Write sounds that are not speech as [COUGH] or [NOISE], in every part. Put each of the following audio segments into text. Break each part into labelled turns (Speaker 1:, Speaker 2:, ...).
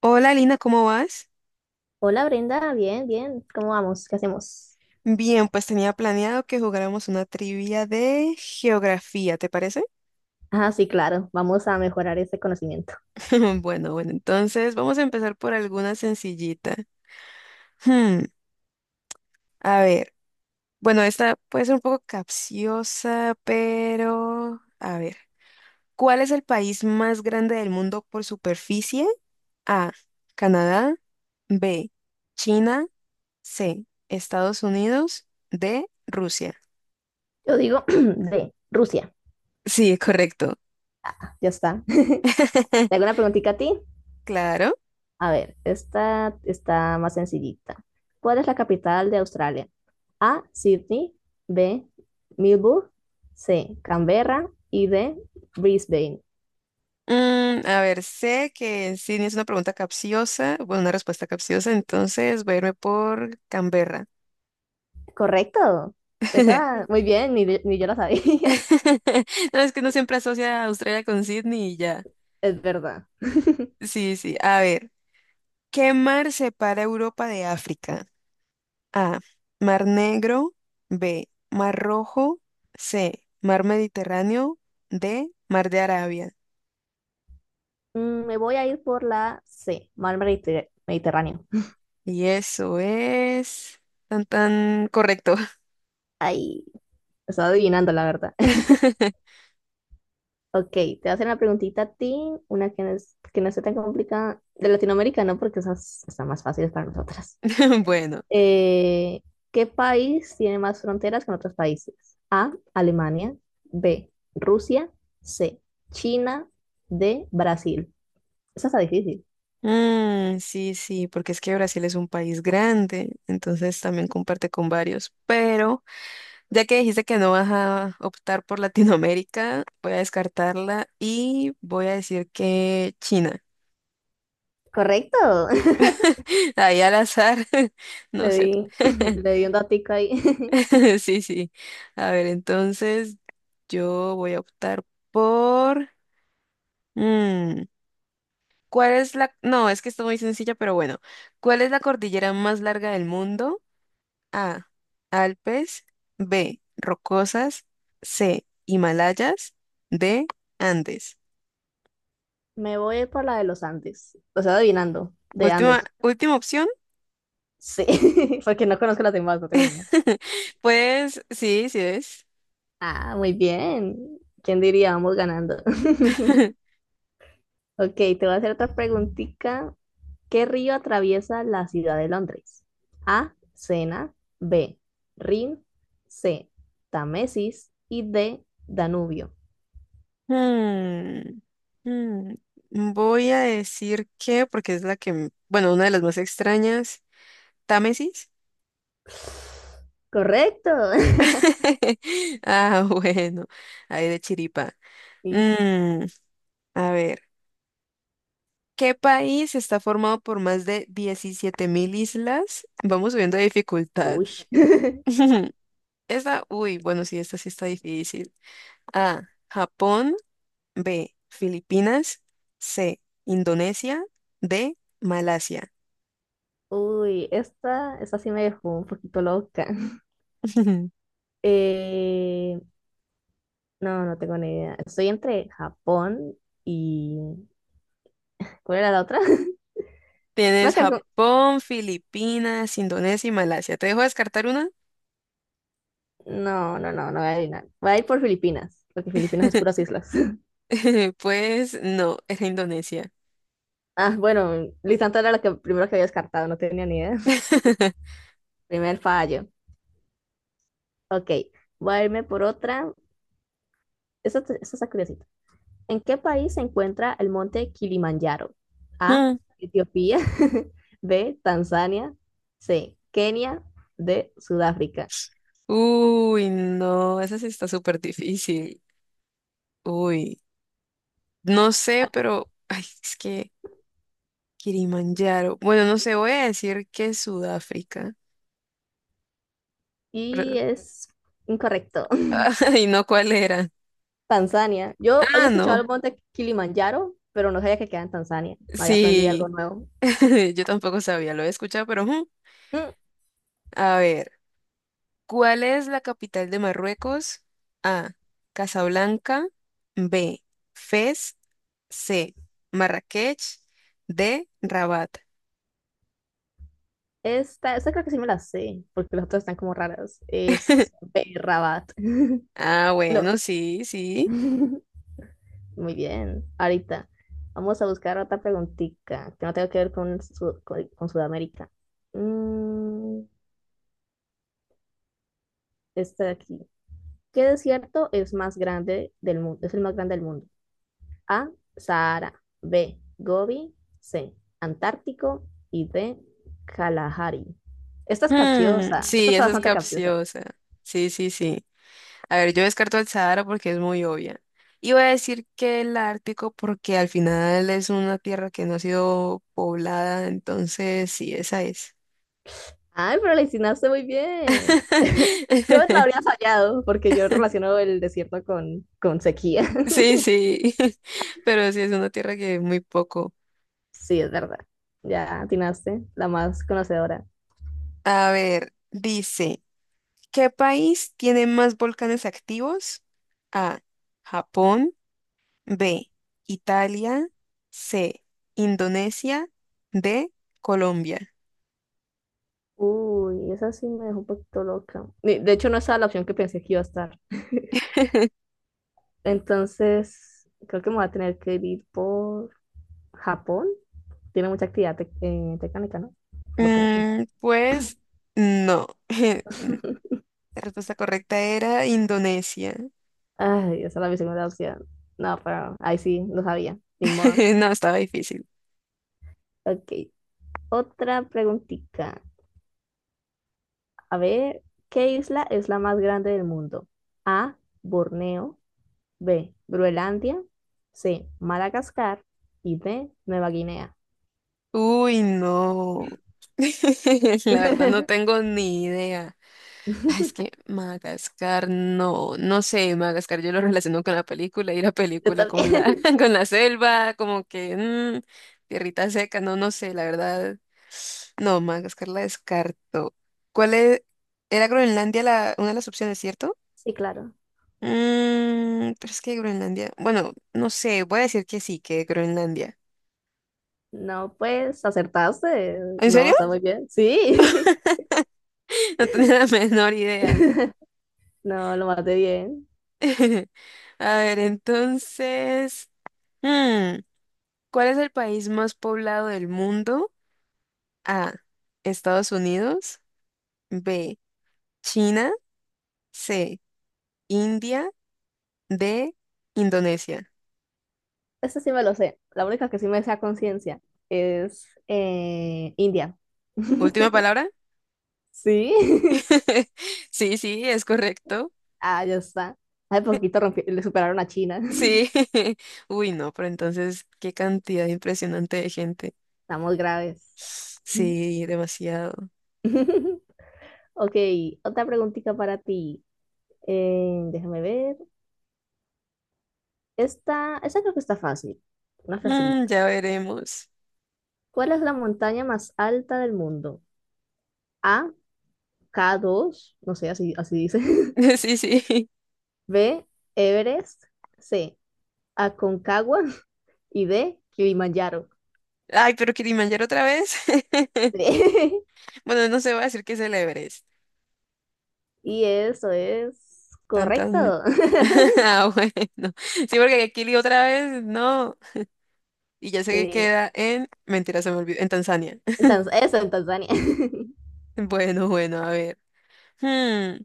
Speaker 1: Hola Lina, ¿cómo vas?
Speaker 2: Hola Brenda, bien, bien. ¿Cómo vamos? ¿Qué hacemos?
Speaker 1: Bien, pues tenía planeado que jugáramos una trivia de geografía, ¿te parece?
Speaker 2: Ah, sí, claro. Vamos a mejorar ese conocimiento.
Speaker 1: [LAUGHS] Bueno, bueno, entonces vamos a empezar por alguna sencillita. Hmm, a ver, bueno, esta puede ser un poco capciosa, pero a ver, ¿cuál es el país más grande del mundo por superficie? A, Canadá, B, China, C, Estados Unidos, D, Rusia.
Speaker 2: Yo digo [CLEARS THROAT] de Rusia.
Speaker 1: Sí, correcto.
Speaker 2: Ya está. [LAUGHS] ¿Te
Speaker 1: [LAUGHS]
Speaker 2: hago una preguntita a ti?
Speaker 1: Claro.
Speaker 2: A ver, esta está más sencillita. ¿Cuál es la capital de Australia? A, Sydney, B, Melbourne, C, Canberra y D, Brisbane.
Speaker 1: Mm, a ver, sé que sí es una pregunta capciosa, bueno, una respuesta capciosa, entonces voy a irme por Canberra.
Speaker 2: Correcto.
Speaker 1: [LAUGHS]
Speaker 2: Esa, muy bien, ni yo la sabía. [LAUGHS]
Speaker 1: [LAUGHS] No, es que no siempre asocia a Australia con Sydney y ya.
Speaker 2: Es verdad. [LAUGHS]
Speaker 1: Sí, sí. A ver, ¿qué mar separa Europa de África? A. Mar Negro. B. Mar Rojo. C. Mar Mediterráneo. D. Mar de Arabia.
Speaker 2: Me voy a ir por la C, mar Mediterráneo.
Speaker 1: Y eso es tan tan correcto.
Speaker 2: Ay, estaba adivinando la verdad. [LAUGHS]
Speaker 1: [LAUGHS]
Speaker 2: Ok, te voy a hacer una preguntita a ti, una que que no sea tan complicada. De Latinoamérica, no, porque esas están más fáciles para nosotras.
Speaker 1: Bueno.
Speaker 2: Eh, ¿Qué país tiene más fronteras con otros países? A, Alemania, B, Rusia, C, China, D, Brasil. Esa está difícil.
Speaker 1: Ah, sí, sí, porque es que Brasil es un país grande, entonces también comparte con varios. Pero ya que dijiste que no vas a optar por Latinoamérica, voy a descartarla y voy a decir que China.
Speaker 2: Correcto. [LAUGHS]
Speaker 1: [LAUGHS] Ahí al azar, [LAUGHS]
Speaker 2: Le
Speaker 1: no sé.
Speaker 2: di, [CLEARS THROAT]
Speaker 1: [LAUGHS]
Speaker 2: le di un datico ahí. [LAUGHS]
Speaker 1: Sí, sí. A ver, entonces yo voy a optar por... mm, ¿cuál es la... No, es que está muy sencilla, pero bueno. ¿Cuál es la cordillera más larga del mundo? A. Alpes. B. Rocosas. C. Himalayas. D. Andes.
Speaker 2: Me voy por la de los Andes. O sea, adivinando, de
Speaker 1: Última,
Speaker 2: Andes.
Speaker 1: última opción.
Speaker 2: Sí, [LAUGHS] porque no conozco las demás, no tengo ni idea.
Speaker 1: [LAUGHS] Pues sí, sí es.
Speaker 2: Ah, muy bien. ¿Quién diría? Vamos ganando. [LAUGHS]
Speaker 1: [LAUGHS]
Speaker 2: Ok, te voy a hacer otra preguntita. ¿Qué río atraviesa la ciudad de Londres? A. Sena. B. Rin. C. Tamesis. Y D. Danubio.
Speaker 1: Hmm, hmm, voy a decir que, porque es la que, bueno, una de las más extrañas, Támesis.
Speaker 2: Correcto.
Speaker 1: [LAUGHS] Ah, bueno, ahí de chiripa.
Speaker 2: [LAUGHS] Is-
Speaker 1: Mm, a ver. ¿Qué país está formado por más de 17.000 islas? Vamos subiendo de dificultad.
Speaker 2: Uy. [LAUGHS]
Speaker 1: [LAUGHS] Esta, uy, bueno, sí, esta sí está difícil. A, Japón, B, Filipinas, C, Indonesia, D, Malasia.
Speaker 2: Uy, esta sí me dejó un poquito loca. [LAUGHS]
Speaker 1: [LAUGHS]
Speaker 2: Eh, no tengo ni idea. Estoy entre Japón y… ¿Cuál era la otra? [LAUGHS] Voy a
Speaker 1: Tienes
Speaker 2: quedar con-
Speaker 1: Japón, Filipinas, Indonesia y Malasia. ¿Te dejo descartar una?
Speaker 2: No, no voy a adivinar. Voy a ir por Filipinas, porque Filipinas es puras
Speaker 1: [LAUGHS]
Speaker 2: islas.
Speaker 1: Pues no, era Indonesia.
Speaker 2: Ah, bueno, Lisandro era la que primero que había descartado, no tenía ni idea. [LAUGHS]
Speaker 1: [LAUGHS]
Speaker 2: Primer fallo. Ok, voy a irme por otra. Esta está curiosita. ¿En qué país se encuentra el monte Kilimanjaro? A,
Speaker 1: Mm.
Speaker 2: Etiopía. [LAUGHS] B, Tanzania. C, Kenia. D, Sudáfrica.
Speaker 1: Uy, no, esa sí está súper difícil. Uy. No sé, pero ay, es que Kilimanjaro. Bueno, no sé, voy a decir que es Sudáfrica,
Speaker 2: Y
Speaker 1: pero
Speaker 2: es incorrecto. [LAUGHS]
Speaker 1: [LAUGHS] ay, no cuál era.
Speaker 2: Tanzania. Yo había
Speaker 1: Ah,
Speaker 2: escuchado
Speaker 1: no.
Speaker 2: el monte Kilimanjaro, pero no sabía que queda en Tanzania. Había aprendido
Speaker 1: Sí,
Speaker 2: algo nuevo.
Speaker 1: [LAUGHS] yo tampoco sabía, lo he escuchado, pero ujú.
Speaker 2: Mm,
Speaker 1: A ver, ¿cuál es la capital de Marruecos? A, Casablanca, B, Fez, C, Marrakech, D, Rabat.
Speaker 2: esta creo que sí me la sé, porque las otras están como raras. Es Berrabat. [LAUGHS]
Speaker 1: Ah,
Speaker 2: No.
Speaker 1: bueno, sí, sí.
Speaker 2: [LAUGHS] Muy bien. Ahorita vamos a buscar otra preguntita que no tenga que ver con Sudamérica. Mm, esta de aquí. ¿Qué desierto es más grande del mundo? Es el más grande del mundo. A. Sahara. B. Gobi. C. Antártico. Y D. Kalahari. Esta es
Speaker 1: Hmm,
Speaker 2: capciosa. Esta
Speaker 1: sí,
Speaker 2: es sí,
Speaker 1: esa es
Speaker 2: bastante esa capciosa.
Speaker 1: capciosa. Sí, sí, sí. A ver, yo descarto el Sahara porque es muy obvia. Y voy a decir que el Ártico porque al final es una tierra que no ha sido poblada, entonces sí, esa es.
Speaker 2: Ay, pero la hiciste muy bien. [LAUGHS] Yo la
Speaker 1: [LAUGHS]
Speaker 2: habría fallado porque yo relaciono el desierto con sequía. [LAUGHS]
Speaker 1: Sí, sí, [LAUGHS] pero sí es una tierra que es muy poco.
Speaker 2: Sí, es verdad. Ya atinaste, la más conocedora.
Speaker 1: A ver, dice, ¿qué país tiene más volcanes activos? A, Japón, B, Italia, C, Indonesia, D, Colombia.
Speaker 2: Uy, esa sí me dejó un poquito loca. Ni- De hecho, no estaba la opción que pensé que iba a estar. Entonces, creo que me voy a tener que ir por Japón. Tiene mucha actividad tectónica, ¿no? Volcánica, no
Speaker 1: Pues no. [LAUGHS]
Speaker 2: sé.
Speaker 1: La respuesta correcta era Indonesia.
Speaker 2: [LAUGHS] Ay, esa era mi segunda opción. No, pero ahí sí, lo sabía, ni modo.
Speaker 1: [LAUGHS] No, estaba difícil.
Speaker 2: Ok, otra preguntita. A ver, ¿qué isla es la más grande del mundo? A, Borneo, B, Groenlandia, C, Madagascar y D, Nueva Guinea.
Speaker 1: Uy, no. [LAUGHS] La verdad no
Speaker 2: [LAUGHS]
Speaker 1: tengo ni idea. Ah, es que Madagascar, no, no sé, Madagascar yo lo relaciono con la película y la
Speaker 2: Yo
Speaker 1: película con la,
Speaker 2: también.
Speaker 1: [LAUGHS] con la selva, tierrita seca, no, no sé, la verdad. No, Madagascar la descarto. ¿Cuál es? Era Groenlandia la, una de las opciones, ¿cierto?
Speaker 2: Sí, claro.
Speaker 1: Pero es que Groenlandia. Bueno, no sé, voy a decir que sí, que Groenlandia.
Speaker 2: No, pues acertaste.
Speaker 1: ¿En
Speaker 2: No,
Speaker 1: serio?
Speaker 2: está muy
Speaker 1: [LAUGHS]
Speaker 2: bien. Sí.
Speaker 1: No tenía la menor idea.
Speaker 2: [LAUGHS] No, lo maté bien.
Speaker 1: [LAUGHS] A ver, entonces. mm, ¿Cuál es el país más poblado del mundo? A. Estados Unidos. B. China. C. India. D. Indonesia.
Speaker 2: Este sí me lo sé. La única que sí me sé a conciencia es India.
Speaker 1: Última
Speaker 2: [LAUGHS]
Speaker 1: palabra.
Speaker 2: Sí. [LAUGHS]
Speaker 1: [LAUGHS] Sí, sí, es correcto.
Speaker 2: Ah, ya está. Hace poquito le superaron a China.
Speaker 1: Sí.
Speaker 2: [LAUGHS]
Speaker 1: [LAUGHS] Uy, no, pero entonces, qué cantidad impresionante de gente.
Speaker 2: Estamos graves.
Speaker 1: Sí, demasiado.
Speaker 2: [LAUGHS] Ok, otra preguntita para ti. Déjame ver. Esta, esa creo que está fácil. Una facilita.
Speaker 1: Ya veremos.
Speaker 2: ¿Cuál es la montaña más alta del mundo? A, k dos, no sé, así, así dice.
Speaker 1: [LAUGHS] Sí, sí.
Speaker 2: [LAUGHS] B, Everest. C, Aconcagua. Y D, Kilimanjaro.
Speaker 1: Ay, pero Kilimanjaro otra vez. [LAUGHS]
Speaker 2: [LAUGHS]
Speaker 1: Bueno, no se va a decir que es el Everest.
Speaker 2: Y eso es
Speaker 1: Tan,
Speaker 2: correcto.
Speaker 1: tan. [LAUGHS]
Speaker 2: [LAUGHS]
Speaker 1: Ah, bueno. Sí, porque Kili otra vez, no. Y ya sé que
Speaker 2: Sí.
Speaker 1: queda en. Mentira, se me olvidó. En Tanzania. [LAUGHS]
Speaker 2: Eso en Tanzania. [LAUGHS]
Speaker 1: Bueno, bueno, a ver. Hmm,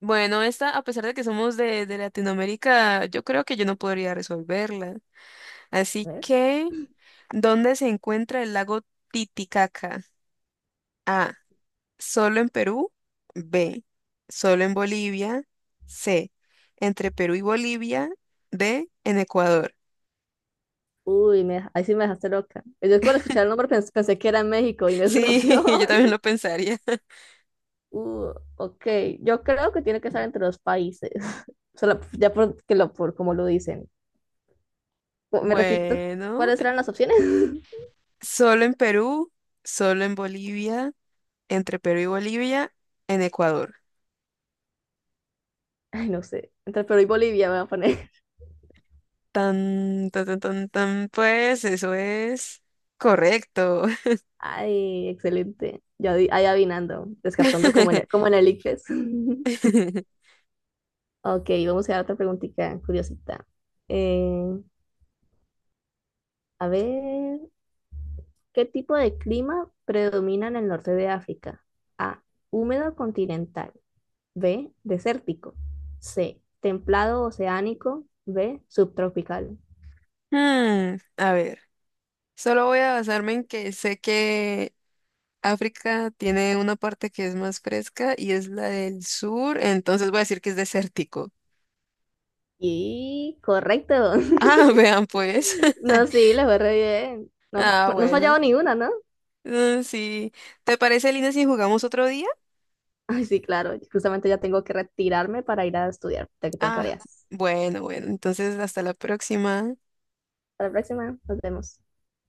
Speaker 1: Bueno, esta, a pesar de que somos de Latinoamérica, yo creo que yo no podría resolverla.
Speaker 2: A
Speaker 1: Así
Speaker 2: ver.
Speaker 1: que, ¿dónde se encuentra el lago Titicaca? A. Solo en Perú. B. Solo en Bolivia. C. Entre Perú y Bolivia. D. En Ecuador.
Speaker 2: Uy, ahí sí me dejaste loca. Yo cuando escuchar el nombre pensé, que era en México y no es una
Speaker 1: Sí,
Speaker 2: opción.
Speaker 1: [LAUGHS] yo también lo
Speaker 2: [LAUGHS]
Speaker 1: pensaría. [LAUGHS]
Speaker 2: Ok, yo creo que tiene que estar entre los países. [LAUGHS] Solo, ya por, que lo, por como lo dicen. ¿Me repito,
Speaker 1: Bueno,
Speaker 2: cuáles eran las opciones? [LAUGHS]
Speaker 1: solo en Perú, solo en Bolivia, entre Perú y Bolivia, en Ecuador.
Speaker 2: Ay, no sé. Entre Perú y Bolivia me voy a poner.
Speaker 1: Tan, tan, tan, tan, tan, pues eso es correcto.
Speaker 2: Ay, excelente. Yo ahí adivinando, descartando como
Speaker 1: [LAUGHS]
Speaker 2: en el ICFES. [LAUGHS] Ok, vamos a dar otra preguntita curiosita. Eh, a ver, ¿qué tipo de clima predomina en el norte de África? A, húmedo continental. B, desértico. C, templado oceánico. B, subtropical.
Speaker 1: A ver, solo voy a basarme en que sé que África tiene una parte que es más fresca y es la del sur, entonces voy a decir que es desértico.
Speaker 2: Y correcto. [LAUGHS]
Speaker 1: Ah, [LAUGHS] vean pues.
Speaker 2: No,
Speaker 1: [LAUGHS]
Speaker 2: sí, le fue re bien. No,
Speaker 1: Ah,
Speaker 2: no has
Speaker 1: bueno.
Speaker 2: fallado ni una, ¿no?
Speaker 1: Mm, sí. ¿Te parece, Lina, si jugamos otro día?
Speaker 2: Ay, sí, claro. Justamente ya tengo que retirarme para ir a estudiar, ya que tengo
Speaker 1: Ah,
Speaker 2: tareas.
Speaker 1: bueno, bueno. Entonces, hasta la próxima.
Speaker 2: Para la próxima, nos vemos.